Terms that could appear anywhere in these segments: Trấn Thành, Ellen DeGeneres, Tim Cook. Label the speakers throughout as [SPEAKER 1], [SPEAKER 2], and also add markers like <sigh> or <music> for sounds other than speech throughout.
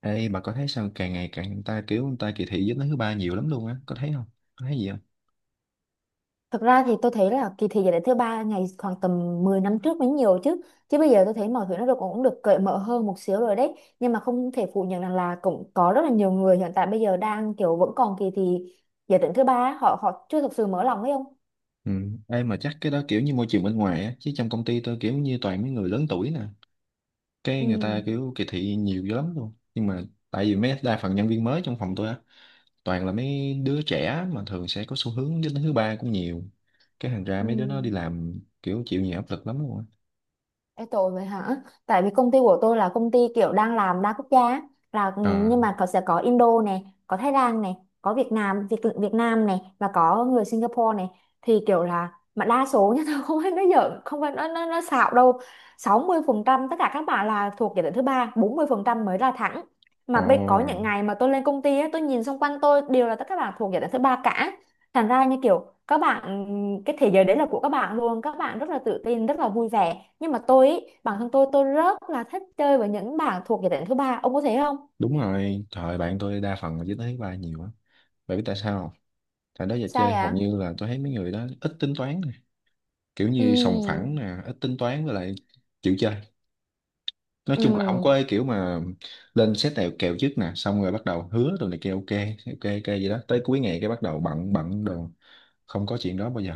[SPEAKER 1] Ê, bà có thấy sao càng ngày càng người ta kỳ thị giới tính thứ ba nhiều lắm luôn á, có thấy không? Có thấy gì không?
[SPEAKER 2] Thực ra thì tôi thấy là kỳ thi giải đệ thứ ba ngày khoảng tầm 10 năm trước mới nhiều chứ chứ bây giờ tôi thấy mọi thứ nó được cũng được cởi mở hơn một xíu rồi đấy. Nhưng mà không thể phủ nhận rằng là cũng có rất là nhiều người hiện tại bây giờ đang kiểu vẫn còn kỳ thi giải đệ thứ ba, họ họ chưa thực sự mở lòng ấy không.
[SPEAKER 1] Ừ. Ê, mà chắc cái đó kiểu như môi trường bên ngoài á, chứ trong công ty tôi kiểu như toàn mấy người lớn tuổi nè, cái người
[SPEAKER 2] Ừ.
[SPEAKER 1] ta kiểu kỳ thị nhiều dữ lắm luôn. Nhưng mà tại vì mấy đa phần nhân viên mới trong phòng tôi á, toàn là mấy đứa trẻ mà thường sẽ có xu hướng giới tính thứ ba cũng nhiều. Cái thành ra
[SPEAKER 2] Ừ.
[SPEAKER 1] mấy đứa nó đi làm kiểu chịu nhiều áp lực lắm luôn á.
[SPEAKER 2] Ê, tội vậy hả? Tại vì công ty của tôi là công ty kiểu đang làm đa quốc gia á. Là, nhưng
[SPEAKER 1] À,
[SPEAKER 2] mà có sẽ có Indo này, có Thái Lan này, có Việt Nam, Việt Việt Nam này, và có người Singapore này. Thì kiểu là mà đa số nhá, <laughs> tôi không phải nói giỡn, không phải nói nó xạo đâu. 60% tất cả các bạn là thuộc giai đoạn thứ ba, 40% mới là thẳng.
[SPEAKER 1] ồ,
[SPEAKER 2] Mà bây có những ngày mà tôi lên công ty á, tôi nhìn xung quanh tôi đều là tất cả các bạn thuộc giai đoạn thứ ba cả. Thành ra như kiểu các bạn, cái thế giới đấy là của các bạn luôn, các bạn rất là tự tin, rất là vui vẻ. Nhưng mà tôi ý, bản thân tôi rất là thích chơi với những bạn thuộc giới tính thứ ba, ông có thấy không?
[SPEAKER 1] đúng rồi, trời bạn tôi đa phần là giới tính thứ ba nhiều á. Bạn biết tại sao không? Tại đó giờ
[SPEAKER 2] Sai
[SPEAKER 1] chơi hầu
[SPEAKER 2] à.
[SPEAKER 1] như là tôi thấy mấy người đó ít tính toán nè, kiểu như sòng
[SPEAKER 2] Ừ.
[SPEAKER 1] phẳng nè ít tính toán với lại chịu chơi. Nói
[SPEAKER 2] Ừ.
[SPEAKER 1] chung là không có cái kiểu mà lên set nào kèo trước nè, xong rồi bắt đầu hứa rồi này kia, ok ok ok vậy đó tới cuối ngày cái bắt đầu bận bận đồ. Không có chuyện đó bao giờ.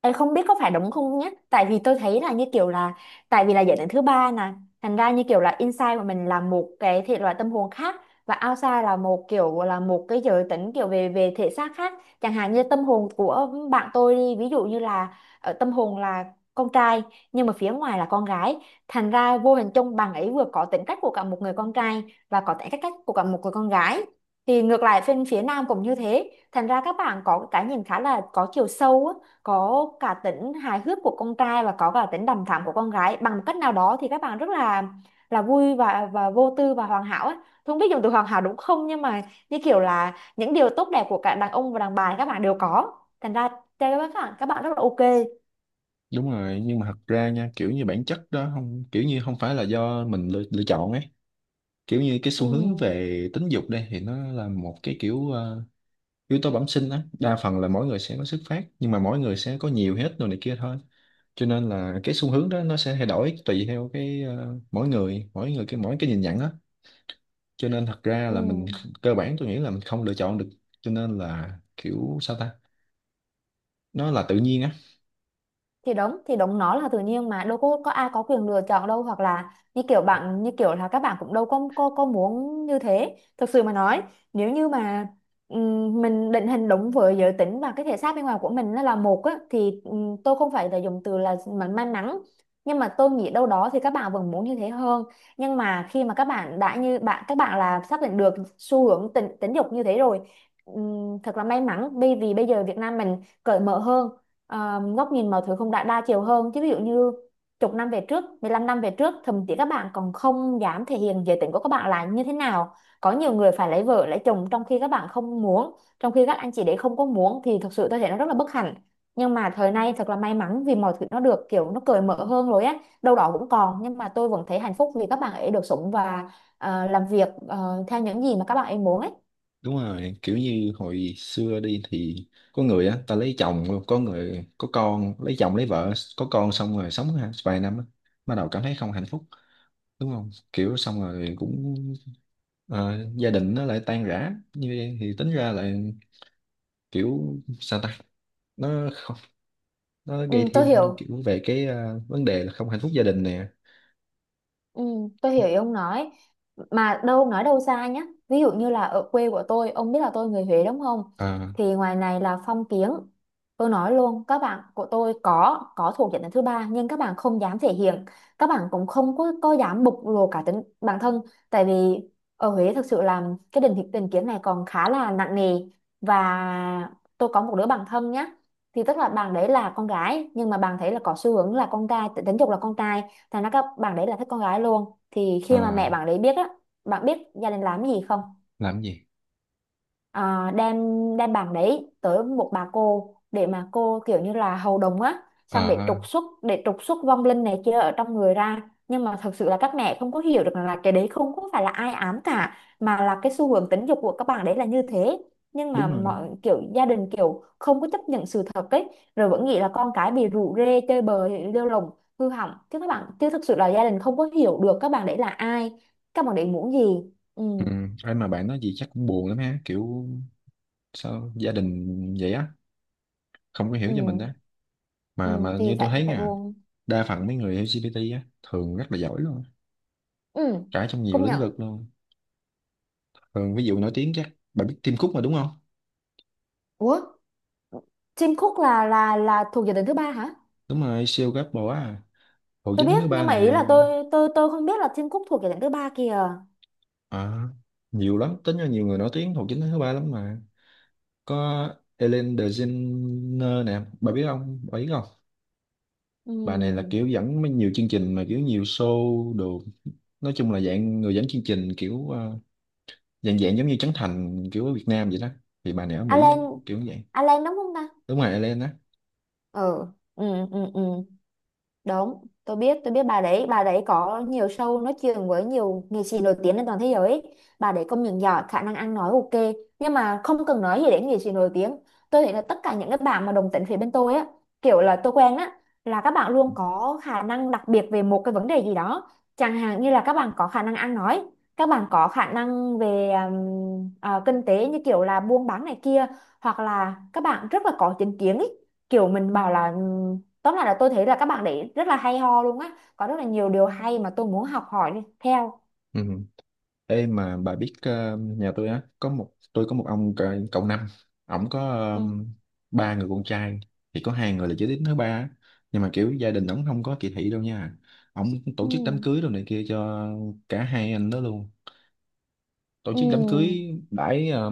[SPEAKER 2] Em không biết có phải đúng không nhé, tại vì tôi thấy là như kiểu là, tại vì là giới tính thứ ba nè, thành ra như kiểu là inside của mình là một cái thể loại tâm hồn khác, và outside là một kiểu, là một cái giới tính kiểu về về thể xác khác. Chẳng hạn như tâm hồn của bạn tôi đi, ví dụ như là ở tâm hồn là con trai, nhưng mà phía ngoài là con gái, thành ra vô hình chung bạn ấy vừa có tính cách của cả một người con trai và có tính cách cách của cả một người con gái. Thì ngược lại bên phía nam cũng như thế, thành ra các bạn có cái nhìn khá là có chiều sâu á, có cả tính hài hước của con trai và có cả tính đằm thắm của con gái. Bằng cách nào đó thì các bạn rất là vui, và vô tư, và hoàn hảo ấy. Tôi không biết dùng từ hoàn hảo đúng không, nhưng mà như kiểu là những điều tốt đẹp của cả đàn ông và đàn bà các bạn đều có, thành ra chơi với các bạn, các bạn rất là ok.
[SPEAKER 1] Đúng rồi, nhưng mà thật ra nha kiểu như bản chất đó không, kiểu như không phải là do mình lựa chọn ấy. Kiểu như cái
[SPEAKER 2] Ừ.
[SPEAKER 1] xu hướng về tính dục đây thì nó là một cái kiểu yếu tố bẩm sinh á, đa phần là mỗi người sẽ có xuất phát nhưng mà mỗi người sẽ có nhiều hết rồi này kia thôi. Cho nên là cái xu hướng đó nó sẽ thay đổi tùy theo cái mỗi người cái mỗi cái nhìn nhận á. Cho nên thật ra
[SPEAKER 2] Ừ.
[SPEAKER 1] là mình cơ bản tôi nghĩ là mình không lựa chọn được. Cho nên là kiểu sao ta, nó là tự nhiên á.
[SPEAKER 2] Thì đúng, nó là tự nhiên, mà đâu có ai có quyền lựa chọn đâu. Hoặc là như kiểu bạn, như kiểu là các bạn cũng đâu có muốn như thế. Thực sự mà nói nếu như mà mình định hình đúng với giới tính và cái thể xác bên ngoài của mình nó là một á, thì tôi không phải là dùng từ là mình may mắn, nhưng mà tôi nghĩ đâu đó thì các bạn vẫn muốn như thế hơn. Nhưng mà khi mà các bạn đã, như bạn, các bạn là xác định được xu hướng tính dục như thế rồi, thật là may mắn, bởi vì bây giờ Việt Nam mình cởi mở hơn. Góc nhìn mọi thứ cũng đã đa chiều hơn chứ, ví dụ như chục năm về trước, 15 năm về trước, thậm chí các bạn còn không dám thể hiện giới tính của các bạn là như thế nào. Có nhiều người phải lấy vợ lấy chồng trong khi các bạn không muốn, trong khi các anh chị đấy không có muốn, thì thực sự tôi thấy nó rất là bất hạnh. Nhưng mà thời nay thật là may mắn vì mọi thứ nó được kiểu nó cởi mở hơn rồi á, đâu đó cũng còn, nhưng mà tôi vẫn thấy hạnh phúc vì các bạn ấy được sống và làm việc theo những gì mà các bạn ấy muốn ấy.
[SPEAKER 1] Đúng rồi, kiểu như hồi xưa đi thì có người á ta lấy chồng, có người có con lấy chồng lấy vợ có con xong rồi sống vài năm á, bắt đầu cảm thấy không hạnh phúc, đúng không? Kiểu xong rồi cũng gia đình nó lại tan rã. Như vậy thì tính ra là kiểu sao ta, nó không, nó gây
[SPEAKER 2] Ừ, tôi
[SPEAKER 1] thêm
[SPEAKER 2] hiểu.
[SPEAKER 1] kiểu về cái vấn đề là không hạnh phúc gia đình nè.
[SPEAKER 2] Ừ, tôi hiểu ý ông nói. Mà đâu, ông nói đâu xa nhá, ví dụ như là ở quê của tôi, ông biết là tôi người Huế đúng không,
[SPEAKER 1] Ờ,
[SPEAKER 2] thì ngoài này là phong kiến. Tôi nói luôn, các bạn của tôi có thuộc diện đến thứ ba nhưng các bạn không dám thể hiện, các bạn cũng không có dám bộc lộ cả tính bản thân. Tại vì ở Huế thực sự là cái định hình, định kiến này còn khá là nặng nề. Và tôi có một đứa bạn thân nhá, thì tức là bạn đấy là con gái nhưng mà bạn thấy là có xu hướng là con trai, tính dục là con trai, thành ra các bạn đấy là thích con gái luôn. Thì
[SPEAKER 1] ờ,
[SPEAKER 2] khi mà mẹ bạn đấy biết á, bạn biết gia đình làm cái gì không?
[SPEAKER 1] làm cái gì?
[SPEAKER 2] À, đem đem bảng đấy tới một bà cô để mà cô kiểu như là hầu đồng á,
[SPEAKER 1] Ờ,
[SPEAKER 2] xong
[SPEAKER 1] ờ,
[SPEAKER 2] để trục xuất vong linh này kia ở trong người ra. Nhưng mà thật sự là các mẹ không có hiểu được rằng là cái đấy không có phải là ai ám cả, mà là cái xu hướng tính dục của các bạn đấy là như thế. Nhưng mà
[SPEAKER 1] đúng rồi,
[SPEAKER 2] mọi kiểu gia đình kiểu không có chấp nhận sự thật ấy, rồi vẫn nghĩ là con cái bị rủ rê chơi bời lêu lồng, hư hỏng. Chứ các bạn, chứ thực sự là gia đình không có hiểu được các bạn đấy là ai, các bạn đấy muốn gì. Ừ.
[SPEAKER 1] ừ. Ai mà bạn nói gì chắc cũng buồn lắm ha, kiểu sao gia đình vậy á, không có hiểu
[SPEAKER 2] Ừ.
[SPEAKER 1] cho mình á.
[SPEAKER 2] Ừ.
[SPEAKER 1] Mà
[SPEAKER 2] Thì
[SPEAKER 1] như tôi
[SPEAKER 2] phải
[SPEAKER 1] thấy
[SPEAKER 2] phải
[SPEAKER 1] nha,
[SPEAKER 2] buông.
[SPEAKER 1] đa phần mấy người LGBT á thường rất là giỏi luôn á,
[SPEAKER 2] Ừ,
[SPEAKER 1] cả trong nhiều
[SPEAKER 2] công
[SPEAKER 1] lĩnh
[SPEAKER 2] nhận.
[SPEAKER 1] vực luôn. Thường ví dụ nổi tiếng chắc bạn biết Tim Cook mà đúng không?
[SPEAKER 2] Ủa, Tim Cook là thuộc giải thưởng thứ ba hả?
[SPEAKER 1] Đúng rồi, siêu gấp bộ á, Hồ
[SPEAKER 2] Tôi
[SPEAKER 1] Chính
[SPEAKER 2] biết,
[SPEAKER 1] thứ ba
[SPEAKER 2] nhưng mà ý
[SPEAKER 1] nè.
[SPEAKER 2] là tôi không biết là Tim Cook thuộc giải thưởng thứ ba kìa.
[SPEAKER 1] À, nhiều lắm tính ra, nhiều người nổi tiếng Hồ Chính thứ ba lắm mà. Có Ellen DeGeneres nè, bà biết không, bà biết không? Bà này là
[SPEAKER 2] Ừ.
[SPEAKER 1] kiểu dẫn mấy nhiều chương trình mà kiểu nhiều show đồ, nói chung là dạng người dẫn chương trình kiểu dạng dạng giống như Trấn Thành kiểu ở Việt Nam vậy đó. Thì bà này ở Mỹ
[SPEAKER 2] Alan,
[SPEAKER 1] kiểu như vậy.
[SPEAKER 2] Alan đúng không ta?
[SPEAKER 1] Đúng rồi, Ellen á.
[SPEAKER 2] Ừ. Ừ, ừ, ừ. Đúng, tôi biết bà đấy có nhiều show nói chuyện với nhiều nghệ sĩ nổi tiếng trên toàn thế giới ấy. Bà đấy công nhận giỏi, khả năng ăn nói ok, nhưng mà không cần nói gì đến nghệ sĩ nổi tiếng. Tôi thấy là tất cả những cái bạn mà đồng tính phía bên tôi á, kiểu là tôi quen á, là các bạn luôn có khả năng đặc biệt về một cái vấn đề gì đó. Chẳng hạn như là các bạn có khả năng ăn nói, các bạn có khả năng về kinh tế, như kiểu là buôn bán này kia, hoặc là các bạn rất là có chính kiến ấy. Kiểu mình bảo là, tóm lại là tôi thấy là các bạn đấy rất là hay ho luôn á, có rất là nhiều điều hay mà tôi muốn học hỏi đi theo.
[SPEAKER 1] Ừ. Ê mà bà biết, nhà tôi á có một, tôi có một ông cậu năm, ổng có
[SPEAKER 2] Ừ.
[SPEAKER 1] ba người con trai, thì có hai người là giới tính thứ ba á. Nhưng mà kiểu gia đình ổng không có kỳ thị đâu nha. Ổng
[SPEAKER 2] Ừ.
[SPEAKER 1] tổ chức đám cưới đồ này kia cho cả hai anh đó luôn. Tổ
[SPEAKER 2] Ừ.
[SPEAKER 1] chức đám cưới đãi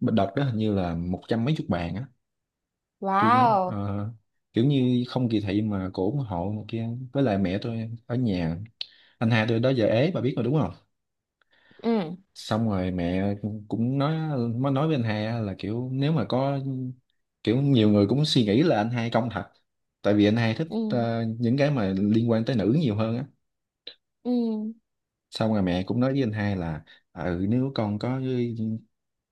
[SPEAKER 1] đợt đó hình như là một trăm mấy chục bàn á, tôi nhớ
[SPEAKER 2] Wow.
[SPEAKER 1] kiểu như không kỳ thị mà cổ ủng hộ này kia. Với lại mẹ tôi ở nhà, anh hai tôi đó giờ ế bà biết mà đúng không?
[SPEAKER 2] Ừ.
[SPEAKER 1] Xong rồi mẹ cũng nói, mới nói với anh hai á là kiểu nếu mà có, kiểu nhiều người cũng suy nghĩ là anh hai công thật, tại vì anh hai thích
[SPEAKER 2] Ừ.
[SPEAKER 1] những cái mà liên quan tới nữ nhiều hơn á.
[SPEAKER 2] Ừ.
[SPEAKER 1] Xong rồi mẹ cũng nói với anh hai là ừ nếu con có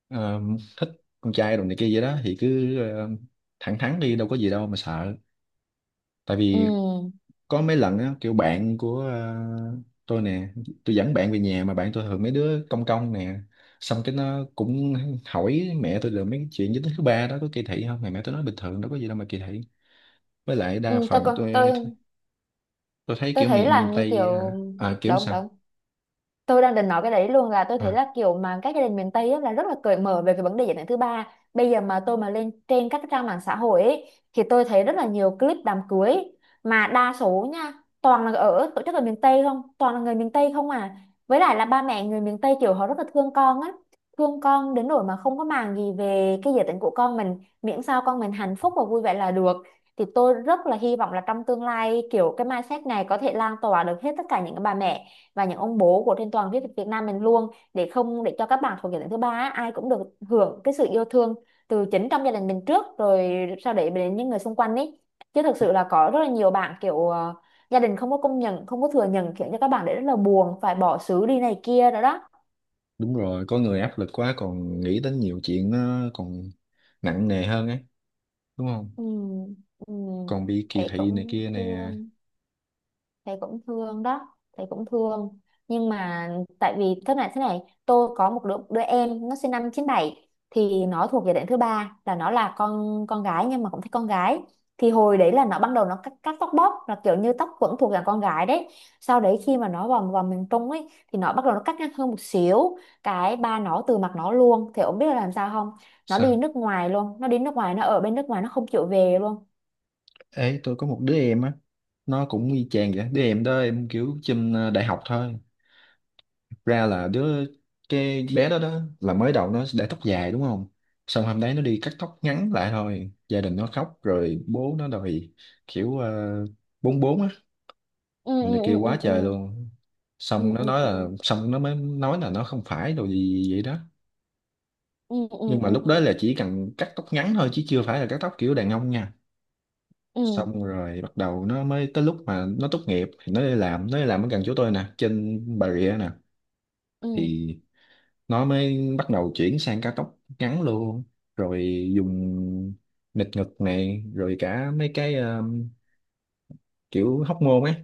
[SPEAKER 1] ờ, thích con trai đồ này kia vậy đó thì cứ thẳng thắn đi, đâu có gì đâu mà sợ. Tại
[SPEAKER 2] Ừ.
[SPEAKER 1] vì có mấy lần á kiểu bạn của tôi nè, tôi dẫn bạn về nhà mà bạn tôi thường mấy đứa công công nè, xong cái nó cũng hỏi mẹ tôi được mấy cái chuyện giới tính thứ ba đó có kỳ thị không, mà mẹ tôi nói bình thường đâu có gì đâu mà kỳ thị. Với lại đa
[SPEAKER 2] Ừ, tôi
[SPEAKER 1] phần
[SPEAKER 2] còn
[SPEAKER 1] tôi tôi thấy
[SPEAKER 2] tôi
[SPEAKER 1] kiểu
[SPEAKER 2] thấy
[SPEAKER 1] miền miền
[SPEAKER 2] là như
[SPEAKER 1] Tây à,
[SPEAKER 2] kiểu,
[SPEAKER 1] à, kiểu
[SPEAKER 2] đúng,
[SPEAKER 1] sao.
[SPEAKER 2] đúng. Tôi đang định nói cái đấy luôn, là tôi thấy
[SPEAKER 1] À,
[SPEAKER 2] là kiểu mà các gia đình miền Tây á, là rất là cởi mở về cái vấn đề giới tính thứ ba. Bây giờ mà tôi mà lên trên các trang mạng xã hội ấy, thì tôi thấy rất là nhiều clip đám cưới, mà đa số nha, toàn là ở tổ chức ở miền Tây không, toàn là người miền Tây không à. Với lại là ba mẹ người miền Tây kiểu họ rất là thương con á, thương con đến nỗi mà không có màng gì về cái giới tính của con mình, miễn sao con mình hạnh phúc và vui vẻ là được. Thì tôi rất là hy vọng là trong tương lai kiểu cái mindset này có thể lan tỏa được hết tất cả những cái bà mẹ và những ông bố của trên toàn Việt Việt Nam mình luôn, để không, để cho các bạn thuộc gia đình thứ ba á, ai cũng được hưởng cái sự yêu thương từ chính trong gia đình mình trước, rồi sau đấy đến những người xung quanh ấy. Chứ thực sự là có rất là nhiều bạn kiểu gia đình không có công nhận, không có thừa nhận, khiến cho các bạn đấy rất là buồn, phải bỏ xứ đi này kia nữa đó.
[SPEAKER 1] đúng rồi, có người áp lực quá còn nghĩ đến nhiều chuyện nó còn nặng nề hơn ấy, đúng không?
[SPEAKER 2] Ừ. Ừ.
[SPEAKER 1] Còn bị kỳ
[SPEAKER 2] Thấy
[SPEAKER 1] thị này
[SPEAKER 2] cũng
[SPEAKER 1] kia nè.
[SPEAKER 2] thương. Thầy cũng thương đó, thầy cũng thương. Nhưng mà, tại vì thế này, tôi có đứa em nó sinh năm 97, thì nó thuộc giai đoạn thứ ba, là nó là con gái nhưng mà cũng thấy con gái. Thì hồi đấy là nó, ban đầu cắt tóc bóp, là kiểu như tóc vẫn thuộc dạng con gái đấy. Sau đấy khi mà nó vào vào miền Trung ấy, thì nó bắt đầu nó cắt ngắn hơn một xíu, cái ba nó từ mặt nó luôn. Thì ông biết là làm sao không? Nó đi
[SPEAKER 1] Sao?
[SPEAKER 2] nước ngoài luôn, nó đi nước ngoài, nó ở bên nước ngoài nó không chịu về luôn.
[SPEAKER 1] Ê, tôi có một đứa em á, nó cũng y chang vậy. Đứa em đó em kiểu trên đại học thôi. Thực ra là đứa, cái bé đó đó là mới đầu nó để tóc dài đúng không? Xong hôm đấy nó đi cắt tóc ngắn lại thôi. Gia đình nó khóc rồi bố nó đòi kiểu bốn bốn á,
[SPEAKER 2] Ừ.
[SPEAKER 1] rồi
[SPEAKER 2] Ừ.
[SPEAKER 1] này kia quá
[SPEAKER 2] Ừ. Ừ.
[SPEAKER 1] trời luôn. Xong
[SPEAKER 2] Ừ.
[SPEAKER 1] nó
[SPEAKER 2] Ừ.
[SPEAKER 1] nói
[SPEAKER 2] Ừ.
[SPEAKER 1] là, xong nó mới nói là nó không phải đồ gì vậy đó.
[SPEAKER 2] Ừ. Ừ.
[SPEAKER 1] Nhưng mà
[SPEAKER 2] Ừ.
[SPEAKER 1] lúc đó
[SPEAKER 2] Ừ.
[SPEAKER 1] là chỉ cần cắt tóc ngắn thôi chứ chưa phải là cắt tóc kiểu đàn ông nha.
[SPEAKER 2] Ừ.
[SPEAKER 1] Xong rồi bắt đầu nó mới tới lúc mà nó tốt nghiệp thì nó đi làm, nó đi làm ở gần chỗ tôi nè, trên Bà Rịa nè,
[SPEAKER 2] Ừ.
[SPEAKER 1] thì nó mới bắt đầu chuyển sang cao tốc ngắn luôn, rồi dùng nịt ngực này rồi cả mấy cái kiểu hóc môn ấy.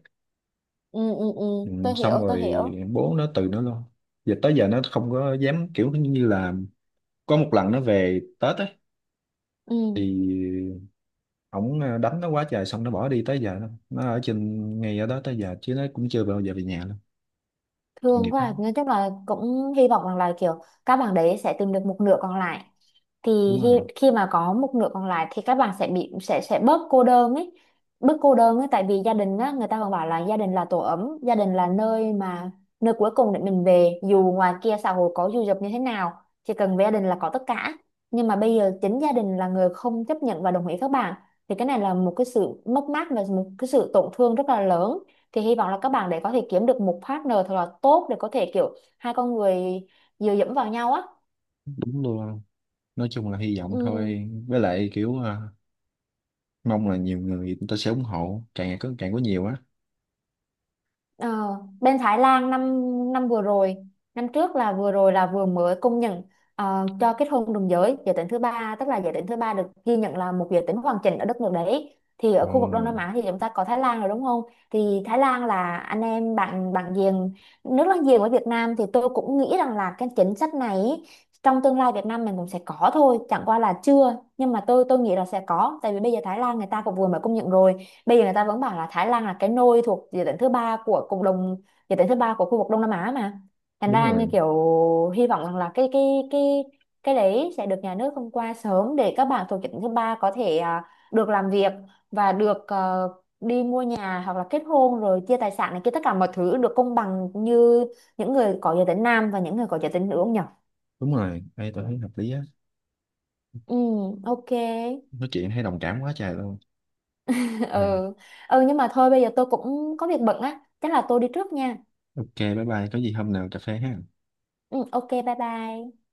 [SPEAKER 2] Ừ. Ừ. Ừ.
[SPEAKER 1] Ừ, xong
[SPEAKER 2] Tôi
[SPEAKER 1] rồi
[SPEAKER 2] hiểu.
[SPEAKER 1] bố nó từ nó luôn. Giờ tới giờ nó không có dám kiểu như là, có một lần nó về Tết ấy
[SPEAKER 2] Ừ.
[SPEAKER 1] thì ổng đánh nó quá trời, xong nó bỏ đi tới giờ đó. Nó ở trên ngay ở đó tới giờ chứ nó cũng chưa bao giờ về nhà luôn.
[SPEAKER 2] Thương
[SPEAKER 1] Nghiệp
[SPEAKER 2] quá à.
[SPEAKER 1] lắm.
[SPEAKER 2] Nói chung là cũng hy vọng rằng là kiểu các bạn đấy sẽ tìm được một nửa còn lại. Thì
[SPEAKER 1] Đúng rồi.
[SPEAKER 2] khi mà có một nửa còn lại thì các bạn sẽ bị sẽ bớt cô đơn ấy, bớt cô đơn ấy. Tại vì gia đình á, người ta còn bảo là gia đình là tổ ấm, gia đình là nơi mà, nơi cuối cùng để mình về dù ngoài kia xã hội có dù dập như thế nào, chỉ cần về gia đình là có tất cả. Nhưng mà bây giờ chính gia đình là người không chấp nhận và đồng ý các bạn, thì cái này là một cái sự mất mát và một cái sự tổn thương rất là lớn. Thì hy vọng là các bạn để có thể kiếm được một partner thật là tốt, để có thể kiểu hai con người dựa dẫm vào nhau á.
[SPEAKER 1] Đúng luôn, nói chung là hy vọng
[SPEAKER 2] Ừ.
[SPEAKER 1] thôi, với lại kiểu à, mong là nhiều người người ta sẽ ủng hộ càng ngày có càng có nhiều á.
[SPEAKER 2] Ờ. Bên Thái Lan năm năm vừa rồi, năm trước, là vừa rồi là vừa mới công nhận cho kết hôn đồng giới, giới tính thứ ba, tức là giới tính thứ ba được ghi nhận là một giới tính hoàn chỉnh ở đất nước đấy. Thì ở
[SPEAKER 1] Ờ,
[SPEAKER 2] khu vực Đông Nam Á thì chúng ta có Thái Lan rồi đúng không, thì Thái Lan là anh em bạn bạn giềng, nước láng giềng với Việt Nam. Thì tôi cũng nghĩ rằng là cái chính sách này ý, trong tương lai Việt Nam mình cũng sẽ có thôi, chẳng qua là chưa. Nhưng mà tôi nghĩ là sẽ có, tại vì bây giờ Thái Lan người ta cũng vừa mới công nhận rồi, bây giờ người ta vẫn bảo là Thái Lan là cái nôi thuộc địa tỉnh thứ ba của cộng đồng, địa tỉnh thứ ba của khu vực Đông Nam Á mà. Thành
[SPEAKER 1] đúng
[SPEAKER 2] ra như
[SPEAKER 1] rồi.
[SPEAKER 2] kiểu, hy vọng rằng là cái đấy sẽ được nhà nước thông qua sớm, để các bạn thuộc địa tỉnh thứ ba có thể được làm việc và được đi mua nhà, hoặc là kết hôn rồi chia tài sản này kia, tất cả mọi thứ được công bằng như những người có giới tính nam và những người có giới tính nữ, không nhỉ?
[SPEAKER 1] Đúng rồi đây, tôi thấy hợp lý á.
[SPEAKER 2] Ừ, ok.
[SPEAKER 1] Nói chuyện thấy đồng cảm quá trời luôn.
[SPEAKER 2] <laughs>
[SPEAKER 1] Ừ.
[SPEAKER 2] Ừ. Ừ, nhưng mà thôi, bây giờ tôi cũng có việc bận á, chắc là tôi đi trước nha.
[SPEAKER 1] Ok bye bye, có gì hôm nào cà phê ha.
[SPEAKER 2] Ừ, ok, bye bye.